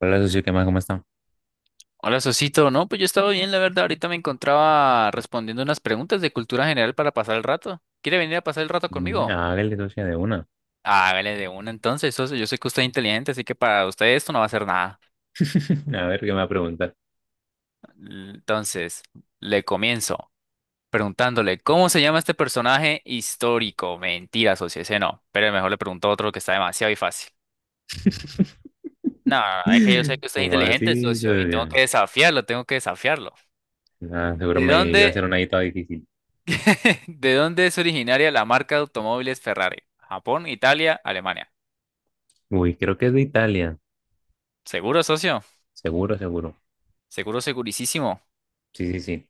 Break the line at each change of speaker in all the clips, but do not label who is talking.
Hola, socio, ¿qué más? ¿Cómo está?
Hola, Sosito. No, pues yo estaba bien, la verdad. Ahorita me encontraba respondiendo unas preguntas de cultura general para pasar el rato. ¿Quiere venir a pasar el rato
Mm.
conmigo?
Hágale, socio, de una.
Hágale de una entonces, socio. Yo sé que usted es inteligente, así que para usted esto no va a ser nada.
A ver, ¿qué me va a preguntar?
Entonces, le comienzo preguntándole, ¿cómo se llama este personaje histórico? Mentira, socio, ese no. Pero mejor le pregunto otro que está demasiado y fácil. No, no, no, es que yo sé que usted es
¿Cómo
inteligente,
así,
socio, y tengo
socio?
que desafiarlo, tengo que desafiarlo.
Ah, seguro
¿De
me iba a hacer
dónde
una ahí toda difícil.
¿De dónde es originaria la marca de automóviles Ferrari? Japón, Italia, Alemania.
Uy, creo que es de Italia.
¿Seguro, socio?
Seguro, seguro.
Seguro, segurísimo.
Sí, sí, sí.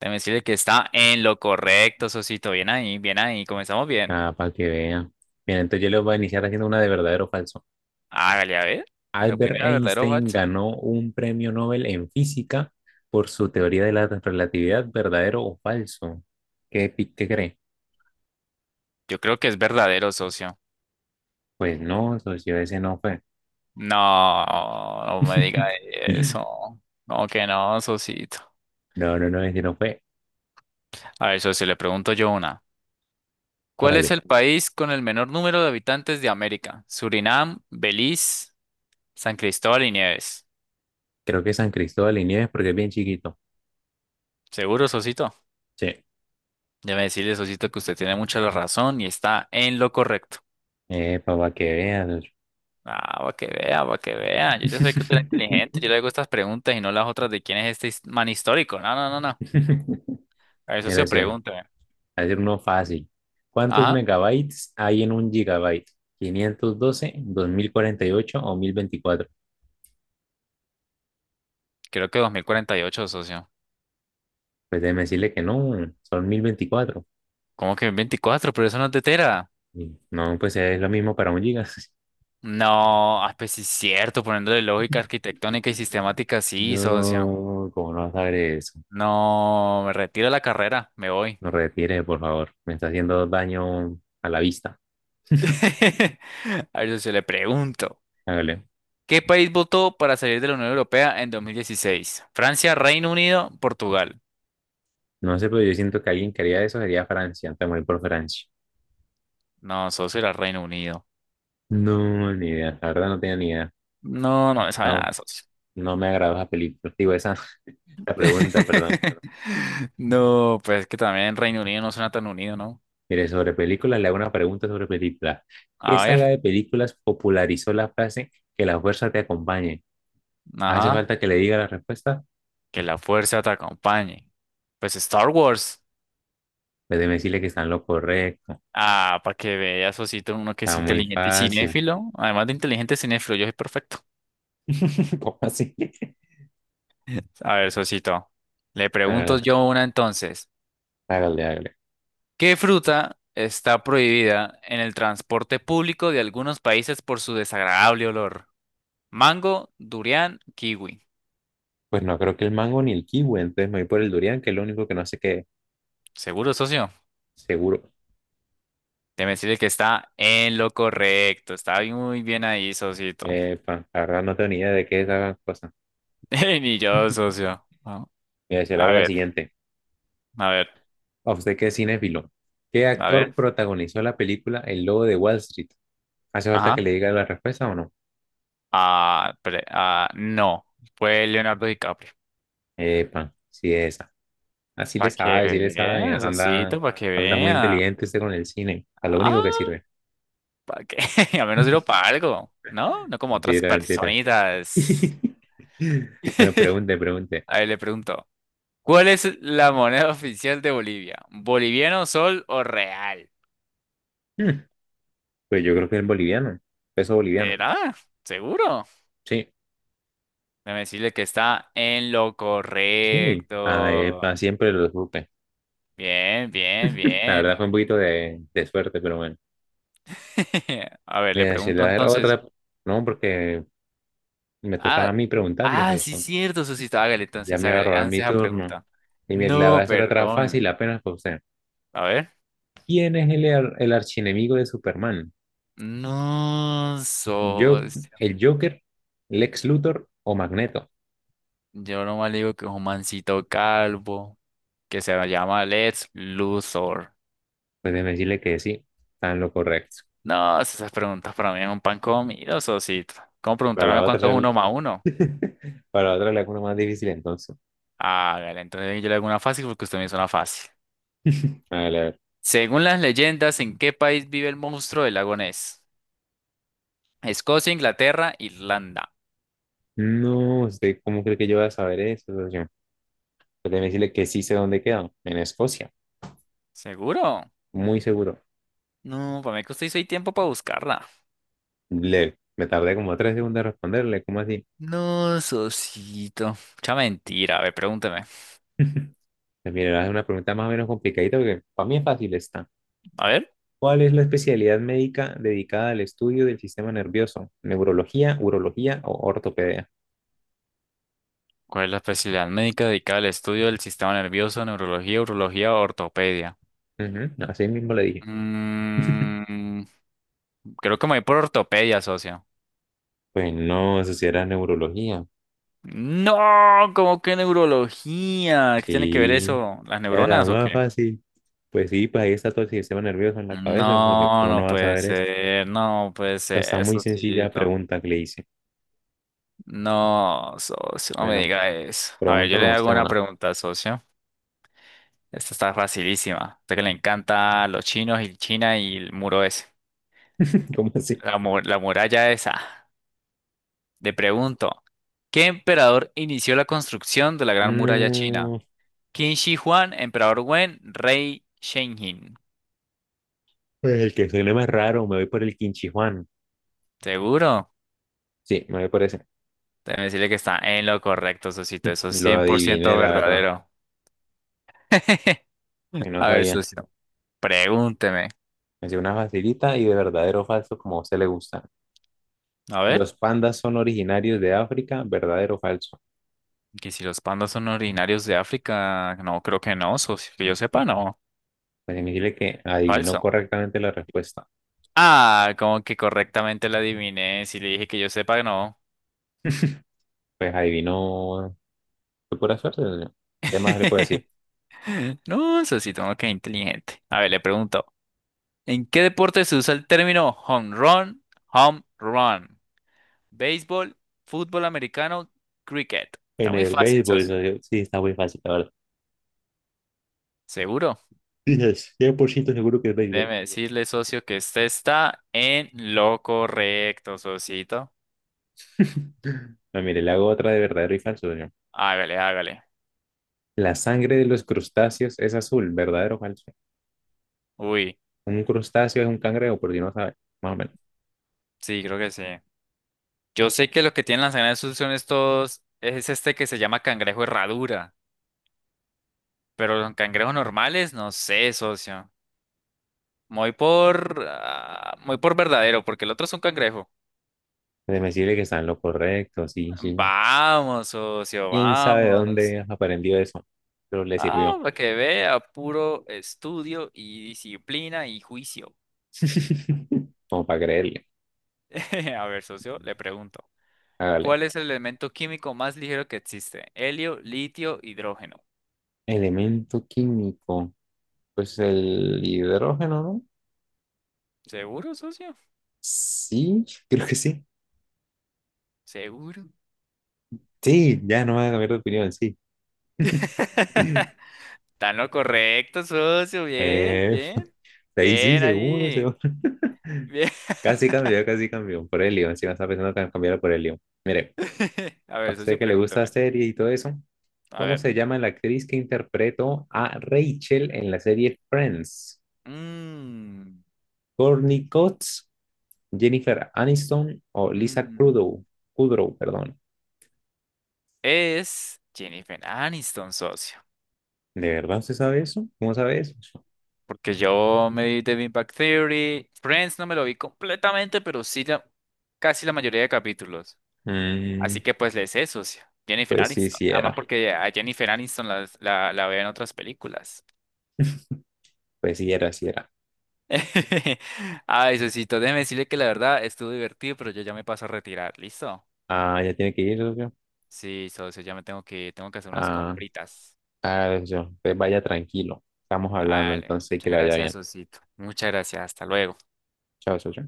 Déjeme decirle que está en lo correcto, socito. Bien ahí, bien ahí. Comenzamos bien.
Ah, para que vea. Bien, entonces yo les voy a iniciar haciendo una de verdadero o falso.
Hágale a ver. Lo
Albert
primero, verdadero o
Einstein
falso.
ganó un premio Nobel en física por su teoría de la relatividad, ¿verdadero o falso? ¿Qué, qué cree?
Yo creo que es verdadero, socio.
Pues no, socio, ese no fue.
No, no me diga eso. No, que no, socito.
No, no, no, ese no fue.
A ver, socio, le pregunto yo una. ¿Cuál es
Vale.
el país con el menor número de habitantes de América? Surinam, Belice, San Cristóbal y Nieves.
Creo que San Cristóbal y Nieves porque es bien chiquito.
Seguro, Sosito.
Sí.
Déjame decirle, Sosito, que usted tiene mucha la razón y está en lo correcto.
Para que veas.
Ah, va que vea, va que vea. Yo ya sé que usted es inteligente. Yo le hago estas preguntas y no las otras de quién es este man histórico. No, no, no, no. A eso se
Mira, sí, voy
pregunta.
a decir uno fácil. ¿Cuántos
Ajá.
megabytes hay en un gigabyte? ¿512, 2048 o 1024?
Creo que 2048, socio.
Pues déjeme decirle que no, son 1024.
¿Cómo que 24? Pero eso no es de Tera.
Y no, pues es lo mismo para un giga.
No, pues sí es cierto. Poniéndole lógica arquitectónica y sistemática, sí, socio.
¿No, como no sabré eso?
No, me retiro de la carrera. Me voy.
No retire, por favor. Me está haciendo daño a la vista.
A ver, socio, le pregunto.
Hágale.
¿Qué país votó para salir de la Unión Europea en 2016? Francia, Reino Unido, Portugal.
No sé, pero yo siento que alguien que haría eso sería Francia, te morir por Francia.
No, socio, era Reino Unido.
No, ni idea, la verdad no tenía ni idea.
No, no me sabe
No,
nada, socio.
no me agradó esa película, digo, esa, esa pregunta, perdón.
No, pues es que también Reino Unido no suena tan unido, ¿no?
Mire, sobre películas, le hago una pregunta sobre películas. ¿Qué
A
saga
ver,
de películas popularizó la frase que la fuerza te acompañe? ¿Hace
ajá,
falta que le diga la respuesta?
que la fuerza te acompañe. Pues Star Wars.
Pues déjeme decirle que está en lo correcto.
Ah, para que veas, socito, uno que es
Está muy
inteligente y
fácil.
cinéfilo. Además de inteligente cinéfilo, yo soy perfecto.
¿Cómo así?
A ver, socito, le pregunto
Ah,
yo una entonces.
hágale, hágale.
¿Qué fruta está prohibida en el transporte público de algunos países por su desagradable olor? Mango, durián, kiwi.
Pues no creo que el mango ni el kiwi, entonces me voy por el durian, que es lo único que no sé qué, es.
Seguro, socio.
Seguro.
Déjeme decirle que está en lo correcto. Está muy bien ahí, socito.
Epa, la verdad no tengo ni idea de qué es esa cosa.
Ni yo, socio. Ah,
Me decía la
a
la
ver,
siguiente.
a ver,
¿A usted qué, es cinéfilo? ¿Qué
a
actor
ver.
protagonizó la película El Lobo de Wall Street? ¿Hace falta
Ajá.
que le diga la respuesta o no?
No. Fue Leonardo DiCaprio.
Epa, sí es esa. Así le
Para que
sabe, sí le sabe.
vea,
Anda,
socito, para que
anda muy
vea.
inteligente usted con el cine. A lo único que
Ah.
sirve.
¿Para qué? Al menos sirvo para algo, ¿no? No como otras
Mentira, mentira.
personitas.
Bueno, pregunte, pregunte.
A ver, le pregunto, ¿cuál es la moneda oficial de Bolivia? ¿Boliviano, sol o real?
Hmm, pues yo creo que es boliviano. Peso boliviano.
¿Será? ¿Seguro?
Sí,
Déjame decirle que está en lo
sí. Ah,
correcto.
epa, siempre lo supe.
Bien, bien,
La verdad
bien.
fue un poquito de suerte, pero bueno.
A ver,
Voy
le
a decirle
pregunto
a ver
entonces.
otra, no, porque me tocaba a
Ah,
mí preguntarles
ah, sí,
eso.
cierto, Susito. Hágale
Ya
entonces,
me iba a
hágale,
robar mi
lance esa
turno.
pregunta.
Y mire, le voy a
No,
hacer otra fácil
perdóneme.
apenas para usted.
A ver.
¿Quién es el archienemigo de Superman?
No,
¿Yo,
socio.
el Joker, Lex Luthor o Magneto?
Yo nomás le digo que es un mancito calvo, que se llama Let's Luthor.
Pues déjeme decirle que sí, están lo correcto.
No, esas preguntas para mí es un pan comido, socito. ¿Cómo
Para la
preguntarme cuánto
otra,
es uno
el-
más uno?
Para la otra le hago una más difícil entonces.
Hágale, entonces yo le hago una fácil porque usted me hizo una fácil.
A ver, a ver.
Según las leyendas, ¿en qué país vive el monstruo del lago Ness? Escocia, Inglaterra, Irlanda.
No, ¿usted cómo cree que yo voy a saber eso, socio? Pues déjeme decirle que sí sé dónde queda: en Escocia.
¿Seguro?
Muy seguro.
No, para mí que usted hizo ahí tiempo para buscarla.
Le, me tardé como 3 segundos en responderle. ¿Cómo así?
No, socito. Mucha mentira. A ver, pregúnteme.
Pues mira, es una pregunta más o menos complicadita porque para mí es fácil esta.
A ver.
¿Cuál es la especialidad médica dedicada al estudio del sistema nervioso? ¿Neurología, urología o ortopedia?
¿Cuál es la especialidad médica dedicada al estudio del sistema nervioso, neurología, urología o ortopedia?
Ujú, así mismo le dije.
Mm, Creo que me voy por ortopedia, socio.
Pues no, eso sí era neurología.
No, ¿cómo que neurología? ¿Qué tiene que ver
Sí,
eso? ¿Las
era la
neuronas o
más
qué?
fácil. Pues sí, pues ahí está todo el sistema nervioso en la cabeza, pues.
No,
¿Cómo no
no
vas a
puede
ver eso? O
ser, no puede
sea, está
ser,
muy sencilla la
socito.
pregunta que le hice.
No, socio, no me
Bueno,
diga eso. A ver, yo
pregúntame
le hago
usted
una
una.
pregunta, socio. Esta está facilísima. A usted que le encanta los chinos y China y el muro ese.
¿Cómo así?
La, la muralla esa. Te pregunto, ¿qué emperador inició la construcción de la Gran Muralla China?
No,
¿Qin Shi Huang, Emperador Wen, Rey Shenjin?
el que suene más raro, me voy por el Quinchi Juan.
¿Seguro?
Sí, me voy por ese.
Déjame decirle que está en lo correcto, Sosito. Eso es
Lo
cien por
adiviné,
ciento
la verdad.
verdadero.
Y no
A ver,
sabía.
socio, pregúnteme.
Me hacía una facilita y de verdadero o falso, como a usted le gusta.
A ver,
Los pandas son originarios de África, ¿verdadero o falso?
que si los pandas son originarios de África, no, creo que no, socio, que yo sepa, no.
Pues significa que adivinó
Falso.
correctamente la respuesta.
Ah, como que correctamente la adiviné. Si le dije que yo sepa, no.
Pues adivinó. Fue pura suerte, ¿no? ¿Qué más le puedo decir?
No, Sosito, no, qué inteligente. A ver, le pregunto. ¿En qué deporte se usa el término home run, home run? Béisbol, fútbol americano, cricket. Está
En
muy
el
fácil,
béisbol, ¿no?
socio.
Sí, está muy fácil, la verdad.
¿Seguro?
Dices, 100% seguro que es béisbol.
Déjeme decirle, socio, que usted está en lo correcto, socito.
No, mire, le hago otra de verdadero y falso, ¿no?
Hágale, hágale.
La sangre de los crustáceos es azul, ¿verdadero o falso?
Uy,
Un crustáceo es un cangrejo, por si no sabe, más o menos.
sí, creo que sí. Yo sé que los que tienen las sus son estos, es este que se llama cangrejo herradura, pero los cangrejos normales, no sé, socio. Muy por verdadero, porque el otro es un cangrejo.
Déjeme decirle que está en lo correcto, sí, sí.
Vamos, socio,
¿Quién sabe de
vamos.
dónde has aprendido eso? Pero le
Ah,
sirvió.
para que vea, puro estudio y disciplina y juicio.
Como para creerle.
A ver, socio, le pregunto.
Hágale.
¿Cuál es el elemento químico más ligero que existe? Helio, litio, hidrógeno.
Elemento químico. Pues el hidrógeno, ¿no?
¿Seguro, socio?
Sí, creo que sí.
Seguro.
Sí, ya no va a cambiar de opinión, sí.
Está en lo correcto, socio. Bien,
Eh,
bien.
ahí sí,
Bien
seguro,
ahí.
seguro.
Bien.
Casi cambió, casi cambió. Por helio, encima estaba pensando que cambiara por helio. Mire,
A
a
ver,
usted
socio,
que le gusta la
pregúntame.
serie y todo eso,
A
¿cómo
ver.
se llama la actriz que interpretó a Rachel en la serie Friends?
Mm,
¿Courtney Cox, Jennifer Aniston o Lisa
mm.
Kudrow? Kudrow, perdón.
Es Jennifer Aniston, socio.
¿De verdad usted sabe eso? ¿Cómo sabe eso?
Porque yo me vi The Big Bang Theory. Friends no me lo vi completamente, pero sí casi la mayoría de capítulos.
Mm,
Así que pues le sé, socio. Jennifer
pues sí,
Aniston.
sí
Además
era.
porque a Jennifer Aniston la veo en otras películas.
Pues sí era, sí era.
Ay, socito, déjeme decirle que la verdad estuvo divertido, pero yo ya me paso a retirar. ¿Listo?
Ah, ya tiene que ir, socio.
Sí, socio, ya me tengo que hacer unas
Ah,
compritas.
ah, socio. Pues vaya tranquilo. Estamos hablando,
Dale,
entonces que
muchas
le vaya
gracias,
bien.
Osito. Muchas gracias, hasta luego.
Chao, socio.